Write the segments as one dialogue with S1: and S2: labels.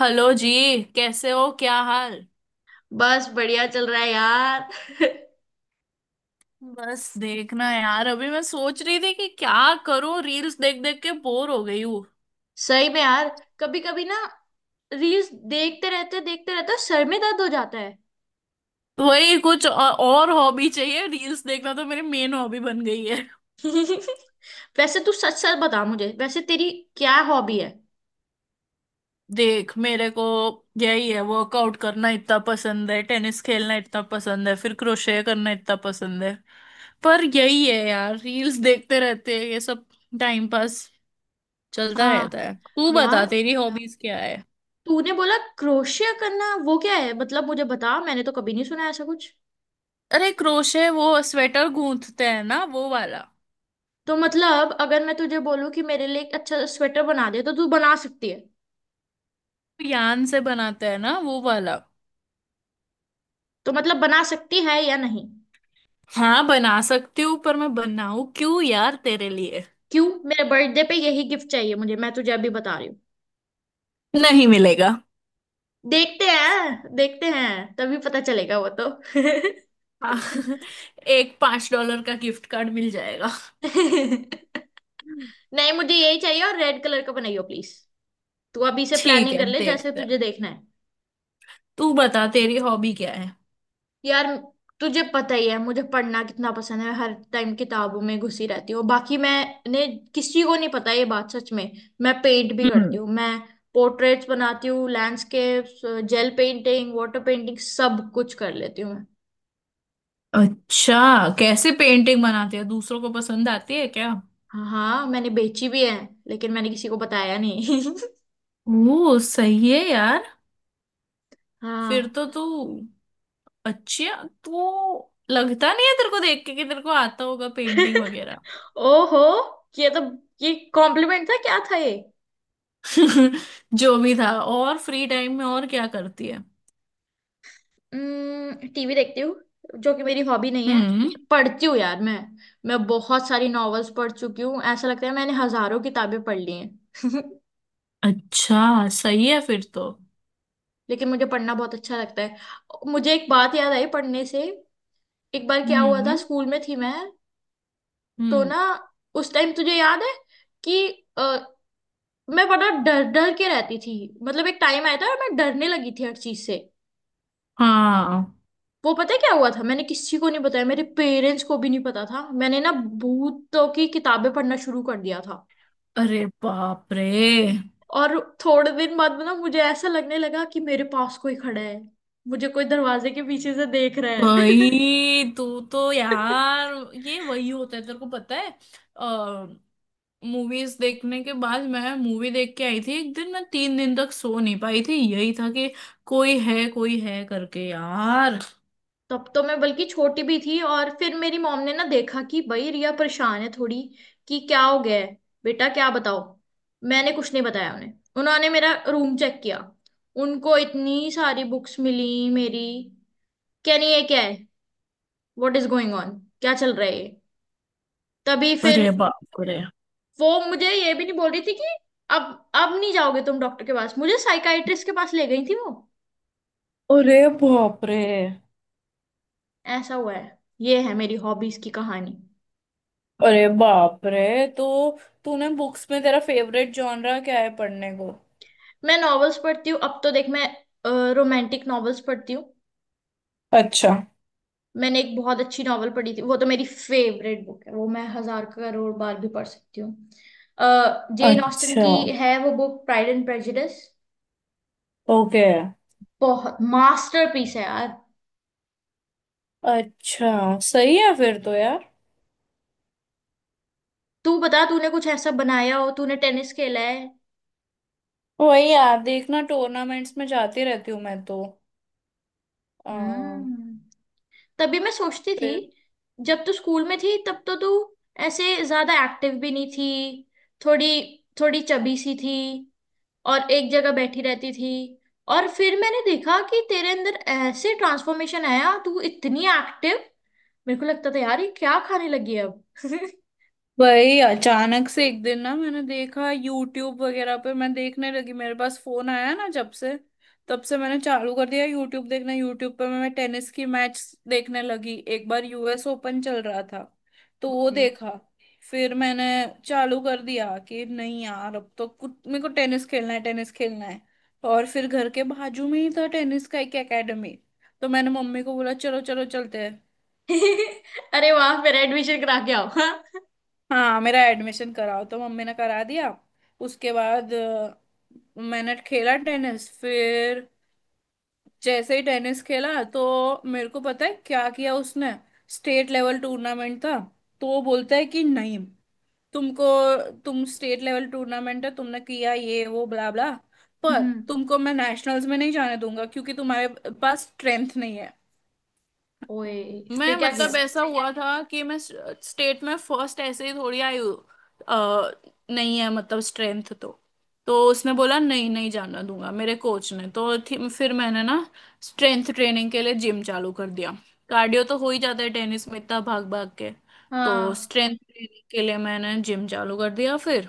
S1: Hello जी। कैसे हो क्या हाल।
S2: बस बढ़िया चल रहा है यार।
S1: बस देखना यार, अभी मैं सोच रही थी कि क्या करूं, रील्स देख देख के बोर हो गई हूँ।
S2: सही में यार। कभी कभी ना रील्स देखते रहते सर में दर्द हो जाता है।
S1: तो वही कुछ और हॉबी चाहिए, रील्स देखना तो मेरी मेन हॉबी बन गई है।
S2: वैसे तू सच सच बता मुझे, वैसे तेरी क्या हॉबी है?
S1: देख मेरे को यही है, वर्कआउट करना इतना पसंद है, टेनिस खेलना इतना पसंद है, फिर क्रोशे करना इतना पसंद है। पर यही है यार, रील्स देखते रहते हैं ये सब, टाइम पास चलता
S2: हाँ
S1: रहता है। तू बता
S2: यार,
S1: तेरी हॉबीज क्या।
S2: तूने बोला क्रोशिया करना, वो क्या है? मतलब मुझे बता, मैंने तो कभी नहीं सुना ऐसा कुछ।
S1: अरे क्रोशे, वो स्वेटर गूंथते हैं ना वो वाला,
S2: तो मतलब अगर मैं तुझे बोलूं कि मेरे लिए एक अच्छा स्वेटर बना दे, तो तू बना सकती है?
S1: यान से बनाते हैं ना वो वाला।
S2: तो मतलब बना सकती है या नहीं?
S1: हाँ बना सकती हूँ, पर मैं बनाऊँ क्यों यार तेरे लिए।
S2: क्यों, मेरे बर्थडे पे यही गिफ्ट चाहिए मुझे, मैं तुझे अभी बता रही।
S1: नहीं मिलेगा।
S2: देखते हैं देखते हैं, तभी पता चलेगा वो तो।
S1: हाँ, एक 5 डॉलर का गिफ्ट कार्ड मिल जाएगा।
S2: नहीं, मुझे यही चाहिए, और रेड कलर का बनाइयो प्लीज। तू अभी से
S1: ठीक
S2: प्लानिंग
S1: है
S2: कर ले, जैसे
S1: देखते हैं।
S2: तुझे देखना है।
S1: तू बता तेरी हॉबी क्या है।
S2: यार, तुझे पता ही है मुझे पढ़ना कितना पसंद है, हर टाइम किताबों में घुसी रहती हूँ। बाकी मैंने किसी को नहीं पता ये बात, सच में। मैं पेंट भी करती
S1: हम्म।
S2: हूँ। मैं पोर्ट्रेट्स बनाती हूँ, landscapes, gel painting, water painting, सब कुछ कर लेती हूँ मैं।
S1: अच्छा। कैसे पेंटिंग बनाती है, दूसरों को पसंद आती है क्या।
S2: हाँ मैंने बेची भी है, लेकिन मैंने किसी को बताया नहीं।
S1: ओ सही है यार। फिर
S2: हाँ।
S1: तो तू, अच्छा तो लगता नहीं है तेरे को देख के कि तेरे को आता होगा पेंटिंग वगैरह।
S2: ओहो, ये तो, ये कॉम्प्लीमेंट था क्या था ये?
S1: जो भी था, और फ्री टाइम में और क्या करती है।
S2: टीवी देखती हूँ, जो कि मेरी हॉबी नहीं है।
S1: हम्म।
S2: पढ़ती हूँ यार मैं। मैं बहुत सारी नॉवेल्स पढ़ चुकी हूँ, ऐसा लगता है मैंने हजारों किताबें पढ़ ली हैं।
S1: अच्छा सही है फिर तो।
S2: लेकिन मुझे पढ़ना बहुत अच्छा लगता है। मुझे एक बात याद आई पढ़ने से। एक बार क्या हुआ था,
S1: हम्म।
S2: स्कूल में थी मैं। तो
S1: हम्म।
S2: ना उस टाइम तुझे याद है कि अ, मैं बड़ा डर डर के रहती थी। मतलब एक टाइम आया था और मैं डरने लगी थी हर चीज से।
S1: हाँ।
S2: वो पता है क्या हुआ था? मैंने किसी को नहीं बताया, मेरे पेरेंट्स को भी नहीं पता था। मैंने ना भूतों की किताबें पढ़ना शुरू कर दिया था।
S1: अरे बाप रे।
S2: और थोड़े दिन बाद में ना मुझे ऐसा लगने लगा कि मेरे पास कोई खड़ा है, मुझे कोई दरवाजे के पीछे से देख रहा है।
S1: भाई तू, तो यार ये वही होता है तेरे को पता है। मूवीज देखने के बाद, मैं मूवी देख के आई थी एक दिन, मैं 3 दिन तक सो नहीं पाई थी, यही था कि कोई है करके यार।
S2: तब तो मैं बल्कि छोटी भी थी। और फिर मेरी मॉम ने ना देखा कि भाई रिया परेशान है थोड़ी, कि क्या हो गया है बेटा, क्या बताओ। मैंने कुछ नहीं बताया उन्हें। उन्होंने मेरा रूम चेक किया, उनको इतनी सारी बुक्स मिली मेरी। क्या नहीं, ये क्या है, व्हाट इज गोइंग ऑन, क्या चल रहा है ये? तभी फिर
S1: अरे बाप रे।
S2: वो मुझे ये भी नहीं बोल रही थी कि अब अब नहीं जाओगे तुम डॉक्टर के पास, मुझे साइकाइट्रिस्ट के पास ले गई थी वो।
S1: अरे बाप रे।
S2: ऐसा हुआ है, ये है मेरी हॉबीज की कहानी।
S1: अरे बाप रे। तो तूने बुक्स में तेरा फेवरेट जॉनरा क्या है पढ़ने को।
S2: मैं नॉवेल्स पढ़ती हूँ, अब तो देख मैं रोमांटिक नॉवेल्स पढ़ती हूँ।
S1: अच्छा।
S2: मैंने एक बहुत अच्छी नॉवल पढ़ी थी, वो तो मेरी फेवरेट बुक है, वो मैं हजार करोड़ बार भी पढ़ सकती हूँ। जेन ऑस्टन
S1: अच्छा।
S2: की है वो book, pride and prejudice.
S1: Okay.
S2: बहुत मास्टरपीस है यार।
S1: अच्छा सही है फिर तो यार।
S2: तू बता, तूने कुछ ऐसा बनाया हो, तूने टेनिस खेला है।
S1: वही यार देखना, टूर्नामेंट्स में जाती रहती हूँ मैं तो। आ,
S2: हम्म, तभी मैं सोचती थी, जब तू स्कूल में थी तब तो तू ऐसे ज्यादा एक्टिव भी नहीं थी, थोड़ी थोड़ी चबी सी थी, और एक जगह बैठी रहती थी। और फिर मैंने देखा कि तेरे अंदर ऐसे ट्रांसफॉर्मेशन आया, तू इतनी एक्टिव। मेरे को लगता था यार ये क्या खाने लगी है अब।
S1: वही अचानक से एक दिन ना मैंने देखा, यूट्यूब वगैरह पे मैं देखने लगी, मेरे पास फोन आया ना जब से, तब से मैंने चालू कर दिया यूट्यूब देखना। यूट्यूब पे मैं टेनिस की मैच देखने लगी। एक बार यूएस ओपन चल रहा था, तो वो
S2: ओके।
S1: देखा। फिर मैंने चालू कर दिया कि नहीं यार, अब तो कुछ मेरे को टेनिस खेलना है, टेनिस खेलना है। और फिर घर के बाजू में ही था टेनिस का एक एकेडमी। तो मैंने मम्मी को बोला, चलो चलो चलते हैं।
S2: अरे वाह, मेरा एडमिशन करा के आओ हाँ?
S1: हाँ मेरा एडमिशन कराओ, तो मम्मी ने करा दिया। उसके बाद मैंने खेला टेनिस। फिर जैसे ही टेनिस खेला, तो मेरे को पता है क्या किया उसने। स्टेट लेवल टूर्नामेंट था, तो वो बोलता है कि नहीं, तुमको, तुम स्टेट लेवल टूर्नामेंट है तुमने किया ये वो ब्ला ब्ला, पर
S2: हम्म।
S1: तुमको मैं नेशनल्स में नहीं जाने दूंगा, क्योंकि तुम्हारे पास स्ट्रेंथ नहीं है।
S2: ओए,
S1: मैं
S2: फिर क्या
S1: मतलब
S2: किया?
S1: ऐसा हुआ था कि मैं स्टेट में फर्स्ट ऐसे ही थोड़ी आई हूँ। अ, नहीं है मतलब स्ट्रेंथ, तो उसने बोला नहीं नहीं जाना दूंगा मेरे कोच ने, फिर मैंने ना स्ट्रेंथ ट्रेनिंग के लिए जिम चालू कर दिया। कार्डियो तो हो ही जाता है टेनिस में, इतना भाग भाग के। तो
S2: हाँ।
S1: स्ट्रेंथ ट्रेनिंग के लिए मैंने जिम चालू कर दिया फिर।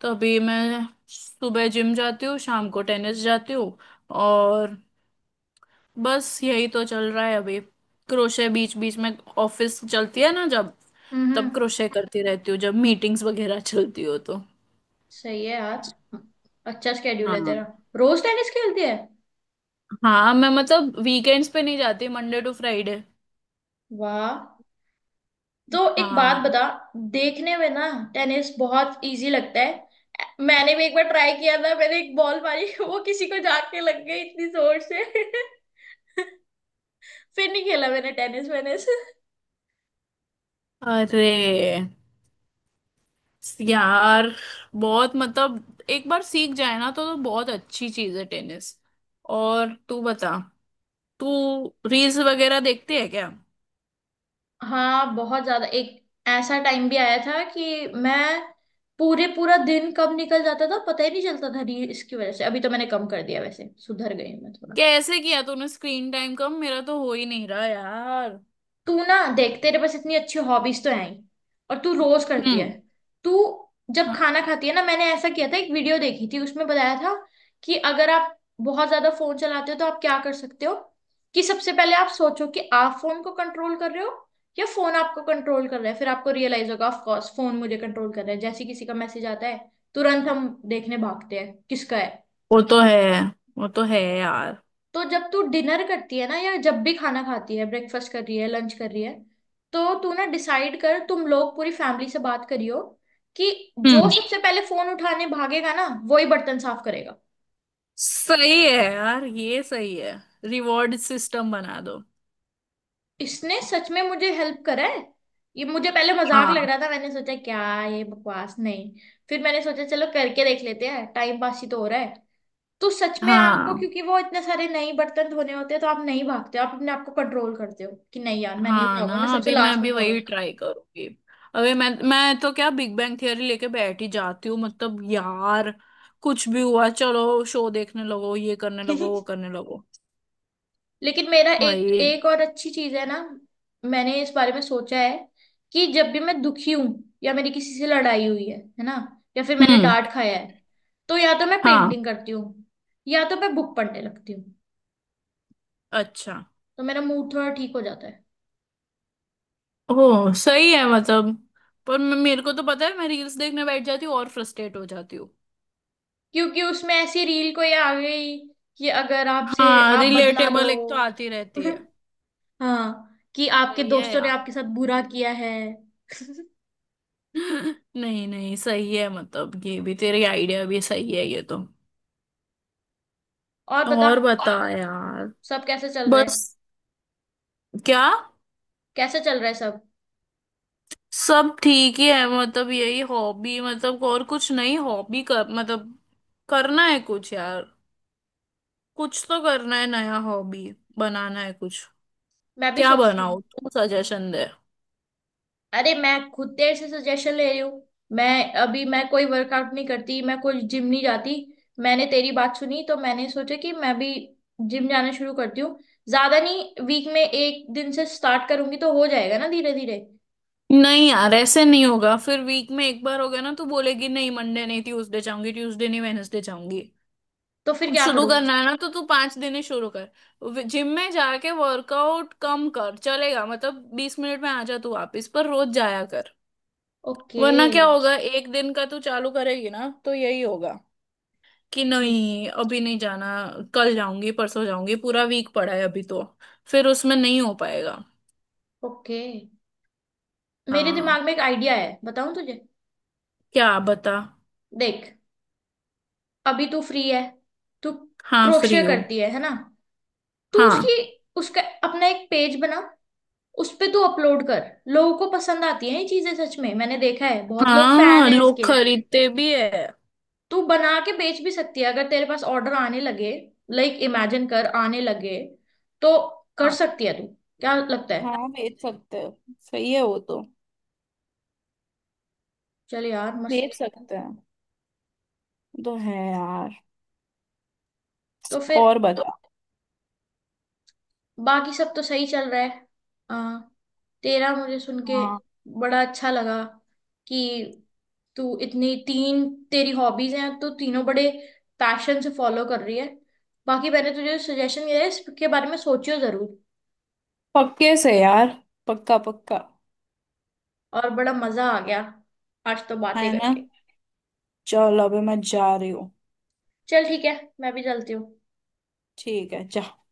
S1: तो अभी मैं सुबह जिम जाती हूँ, शाम को टेनिस जाती हूँ, और बस यही तो चल रहा है अभी। क्रोशे बीच बीच में, ऑफिस चलती है ना जब,
S2: हम्म।
S1: तब क्रोशे करती रहती हूँ, जब मीटिंग्स वगैरह चलती हो तो।
S2: सही है यार, अच्छा स्केड्यूल है
S1: हाँ।
S2: तेरा। रोज टेनिस खेलती है।
S1: हाँ मैं मतलब वीकेंड्स पे नहीं जाती, मंडे टू फ्राइडे।
S2: वाह। तो एक बात
S1: हाँ।
S2: बता, देखने में ना टेनिस बहुत इजी लगता है। मैंने भी एक बार ट्राई किया था, मैंने एक बॉल मारी वो किसी को जाके लग गई इतनी जोर से। फिर नहीं खेला मैंने टेनिस वेनिस।
S1: अरे यार बहुत, मतलब एक बार सीख जाए ना तो बहुत अच्छी चीज है टेनिस। और तू बता, तू रील्स वगैरह देखती है क्या।
S2: हाँ बहुत ज्यादा। एक ऐसा टाइम भी आया था कि मैं पूरे पूरा दिन कब निकल जाता था पता ही नहीं चलता था रील्स की वजह से। अभी तो मैंने कम कर दिया, वैसे सुधर गई हूँ मैं थोड़ा।
S1: कैसे किया तूने स्क्रीन टाइम कम, मेरा तो हो ही नहीं रहा यार।
S2: तू ना देख, तेरे पास इतनी अच्छी हॉबीज तो हैं ही, और तू रोज करती है।
S1: हम्म।
S2: तू जब खाना खाती है ना, मैंने ऐसा किया था, एक वीडियो देखी थी, उसमें बताया था कि अगर आप बहुत ज्यादा फोन चलाते हो तो आप क्या कर सकते हो, कि सबसे पहले आप सोचो कि आप फोन को कंट्रोल कर रहे हो या फोन आपको कंट्रोल कर रहा है। फिर आपको रियलाइज होगा, ऑफ कोर्स फोन मुझे कंट्रोल कर रहा है, जैसे किसी का मैसेज आता है तुरंत हम देखने भागते हैं किसका है।
S1: वो तो है। वो तो है यार।
S2: तो जब तू डिनर करती है ना, या जब भी खाना खाती है, ब्रेकफास्ट कर रही है, लंच कर रही है, तो तू ना डिसाइड कर, तुम लोग पूरी फैमिली से बात करियो कि जो
S1: हम्म।
S2: सबसे पहले फोन उठाने भागेगा ना, वो ही बर्तन साफ करेगा।
S1: सही है यार, ये सही है, रिवॉर्ड सिस्टम बना दो।
S2: इसने सच में मुझे हेल्प करा है। ये मुझे पहले मजाक लग
S1: हाँ।
S2: रहा था, मैंने सोचा क्या ये बकवास नहीं। फिर मैंने सोचा चलो करके देख लेते हैं, टाइम पास ही तो हो रहा है। तो सच में आपको,
S1: हाँ।
S2: क्योंकि वो इतने सारे नए बर्तन धोने होते हैं, तो आप नहीं भागते हो, आप अपने आप को कंट्रोल करते हो कि नहीं यार मैं नहीं
S1: हाँ
S2: उठाऊंगा,
S1: ना,
S2: मैं सबसे
S1: अभी मैं
S2: लास्ट में
S1: अभी वही
S2: फोन
S1: ट्राई करूंगी। अभी मैं तो क्या बिग बैंग थियरी लेके बैठ ही जाती हूँ, मतलब यार, कुछ भी हुआ चलो शो देखने लगो, ये करने
S2: उठा।
S1: लगो, वो करने लगो।
S2: लेकिन मेरा एक
S1: भाई।
S2: एक और अच्छी चीज है ना, मैंने इस बारे में सोचा है कि जब भी मैं दुखी हूं, या मेरी किसी से लड़ाई हुई है ना, या फिर मैंने
S1: हम्म।
S2: डांट खाया है, तो या तो मैं
S1: हाँ।
S2: पेंटिंग करती हूँ या तो मैं बुक पढ़ने लगती हूँ,
S1: अच्छा।
S2: तो मेरा मूड थोड़ा ठीक हो जाता है।
S1: ओह सही है मतलब। पर मेरे को तो पता है मैं रील्स देखने बैठ जाती हूँ और फ्रस्ट्रेट हो जाती हूँ।
S2: क्योंकि उसमें ऐसी रील कोई आ गई कि अगर आपसे
S1: हाँ
S2: आप बदला लो।
S1: रिलेटेबल एक तो आती रहती है।
S2: हाँ, कि आपके
S1: सही है
S2: दोस्तों ने
S1: यार।
S2: आपके साथ बुरा किया है।
S1: नहीं नहीं सही है, मतलब ये भी, तेरी आइडिया भी सही है ये तो।
S2: और बता,
S1: और बता यार।
S2: सब कैसे चल रहा
S1: बस,
S2: है?
S1: क्या।
S2: कैसे चल रहा है सब?
S1: सब ठीक ही है, मतलब यही हॉबी, मतलब और कुछ नहीं, हॉबी कर मतलब, करना है कुछ यार। कुछ तो करना है नया, हॉबी बनाना है कुछ।
S2: मैं भी
S1: क्या
S2: सोच रही हूँ।
S1: बनाओ, तू सजेशन दे।
S2: अरे मैं खुद तेरे से सजेशन ले रही हूँ। मैं अभी मैं कोई वर्कआउट नहीं करती, मैं कोई जिम नहीं जाती। मैंने तेरी बात सुनी, तो मैंने सोचा कि मैं भी जिम जाना शुरू करती हूँ। ज्यादा नहीं, वीक में एक दिन से स्टार्ट करूंगी, तो हो जाएगा ना धीरे धीरे।
S1: नहीं यार ऐसे नहीं होगा, फिर वीक में एक बार हो गया ना तो बोलेगी नहीं मंडे नहीं, ट्यूसडे जाऊंगी, ट्यूसडे नहीं वेनेसडे जाऊंगी।
S2: तो फिर क्या
S1: शुरू
S2: करूँ?
S1: करना है ना तो तू 5 दिन ही शुरू कर, जिम में जाके वर्कआउट कम कर चलेगा, मतलब 20 मिनट में आ जा तू वापिस, पर रोज जाया कर।
S2: ओके।
S1: वरना क्या होगा, एक दिन का तू चालू करेगी ना तो यही होगा कि
S2: ठीक।
S1: नहीं अभी नहीं जाना, कल जाऊंगी, परसों जाऊंगी, पूरा वीक पड़ा है अभी तो, फिर उसमें नहीं हो पाएगा।
S2: ओके, मेरे
S1: हाँ।
S2: दिमाग में एक आइडिया है, बताऊं तुझे?
S1: क्या बता।
S2: देख, अभी तू फ्री है, तू
S1: हाँ
S2: क्रोशे
S1: फ्री हो।
S2: करती है ना, तू
S1: हाँ।
S2: उसकी, उसका अपना एक पेज बना, उस पे तू अपलोड कर। लोगों को पसंद आती है ये चीजें, सच में मैंने देखा है बहुत लोग फैन
S1: हाँ
S2: है
S1: लोग
S2: इसके।
S1: खरीदते भी है।
S2: तू बना के बेच भी सकती है, अगर तेरे पास ऑर्डर आने लगे, लाइक इमेजिन कर आने लगे, तो कर
S1: हाँ।
S2: सकती है तू। क्या लगता है?
S1: हाँ बेच सकते हैं, सही है वो तो।
S2: चल यार
S1: बेच
S2: मस्त।
S1: सकते हैं तो है यार।
S2: तो फिर
S1: और तो बता।
S2: बाकी सब तो सही चल रहा है। आ, तेरा मुझे सुन के
S1: हाँ
S2: बड़ा अच्छा लगा कि तू इतनी तीन, तेरी हॉबीज हैं तो तीनों बड़े पैशन से फॉलो कर रही है। बाकी मैंने तुझे सजेशन दिया है, इसके बारे में सोचियो जरूर।
S1: पक्के से यार, पक्का पक्का।
S2: और बड़ा मजा आ गया आज तो बातें
S1: है ना।
S2: करके।
S1: चलो अभी मैं जा रही हूँ।
S2: चल ठीक है, मैं भी चलती हूँ।
S1: ठीक है जा।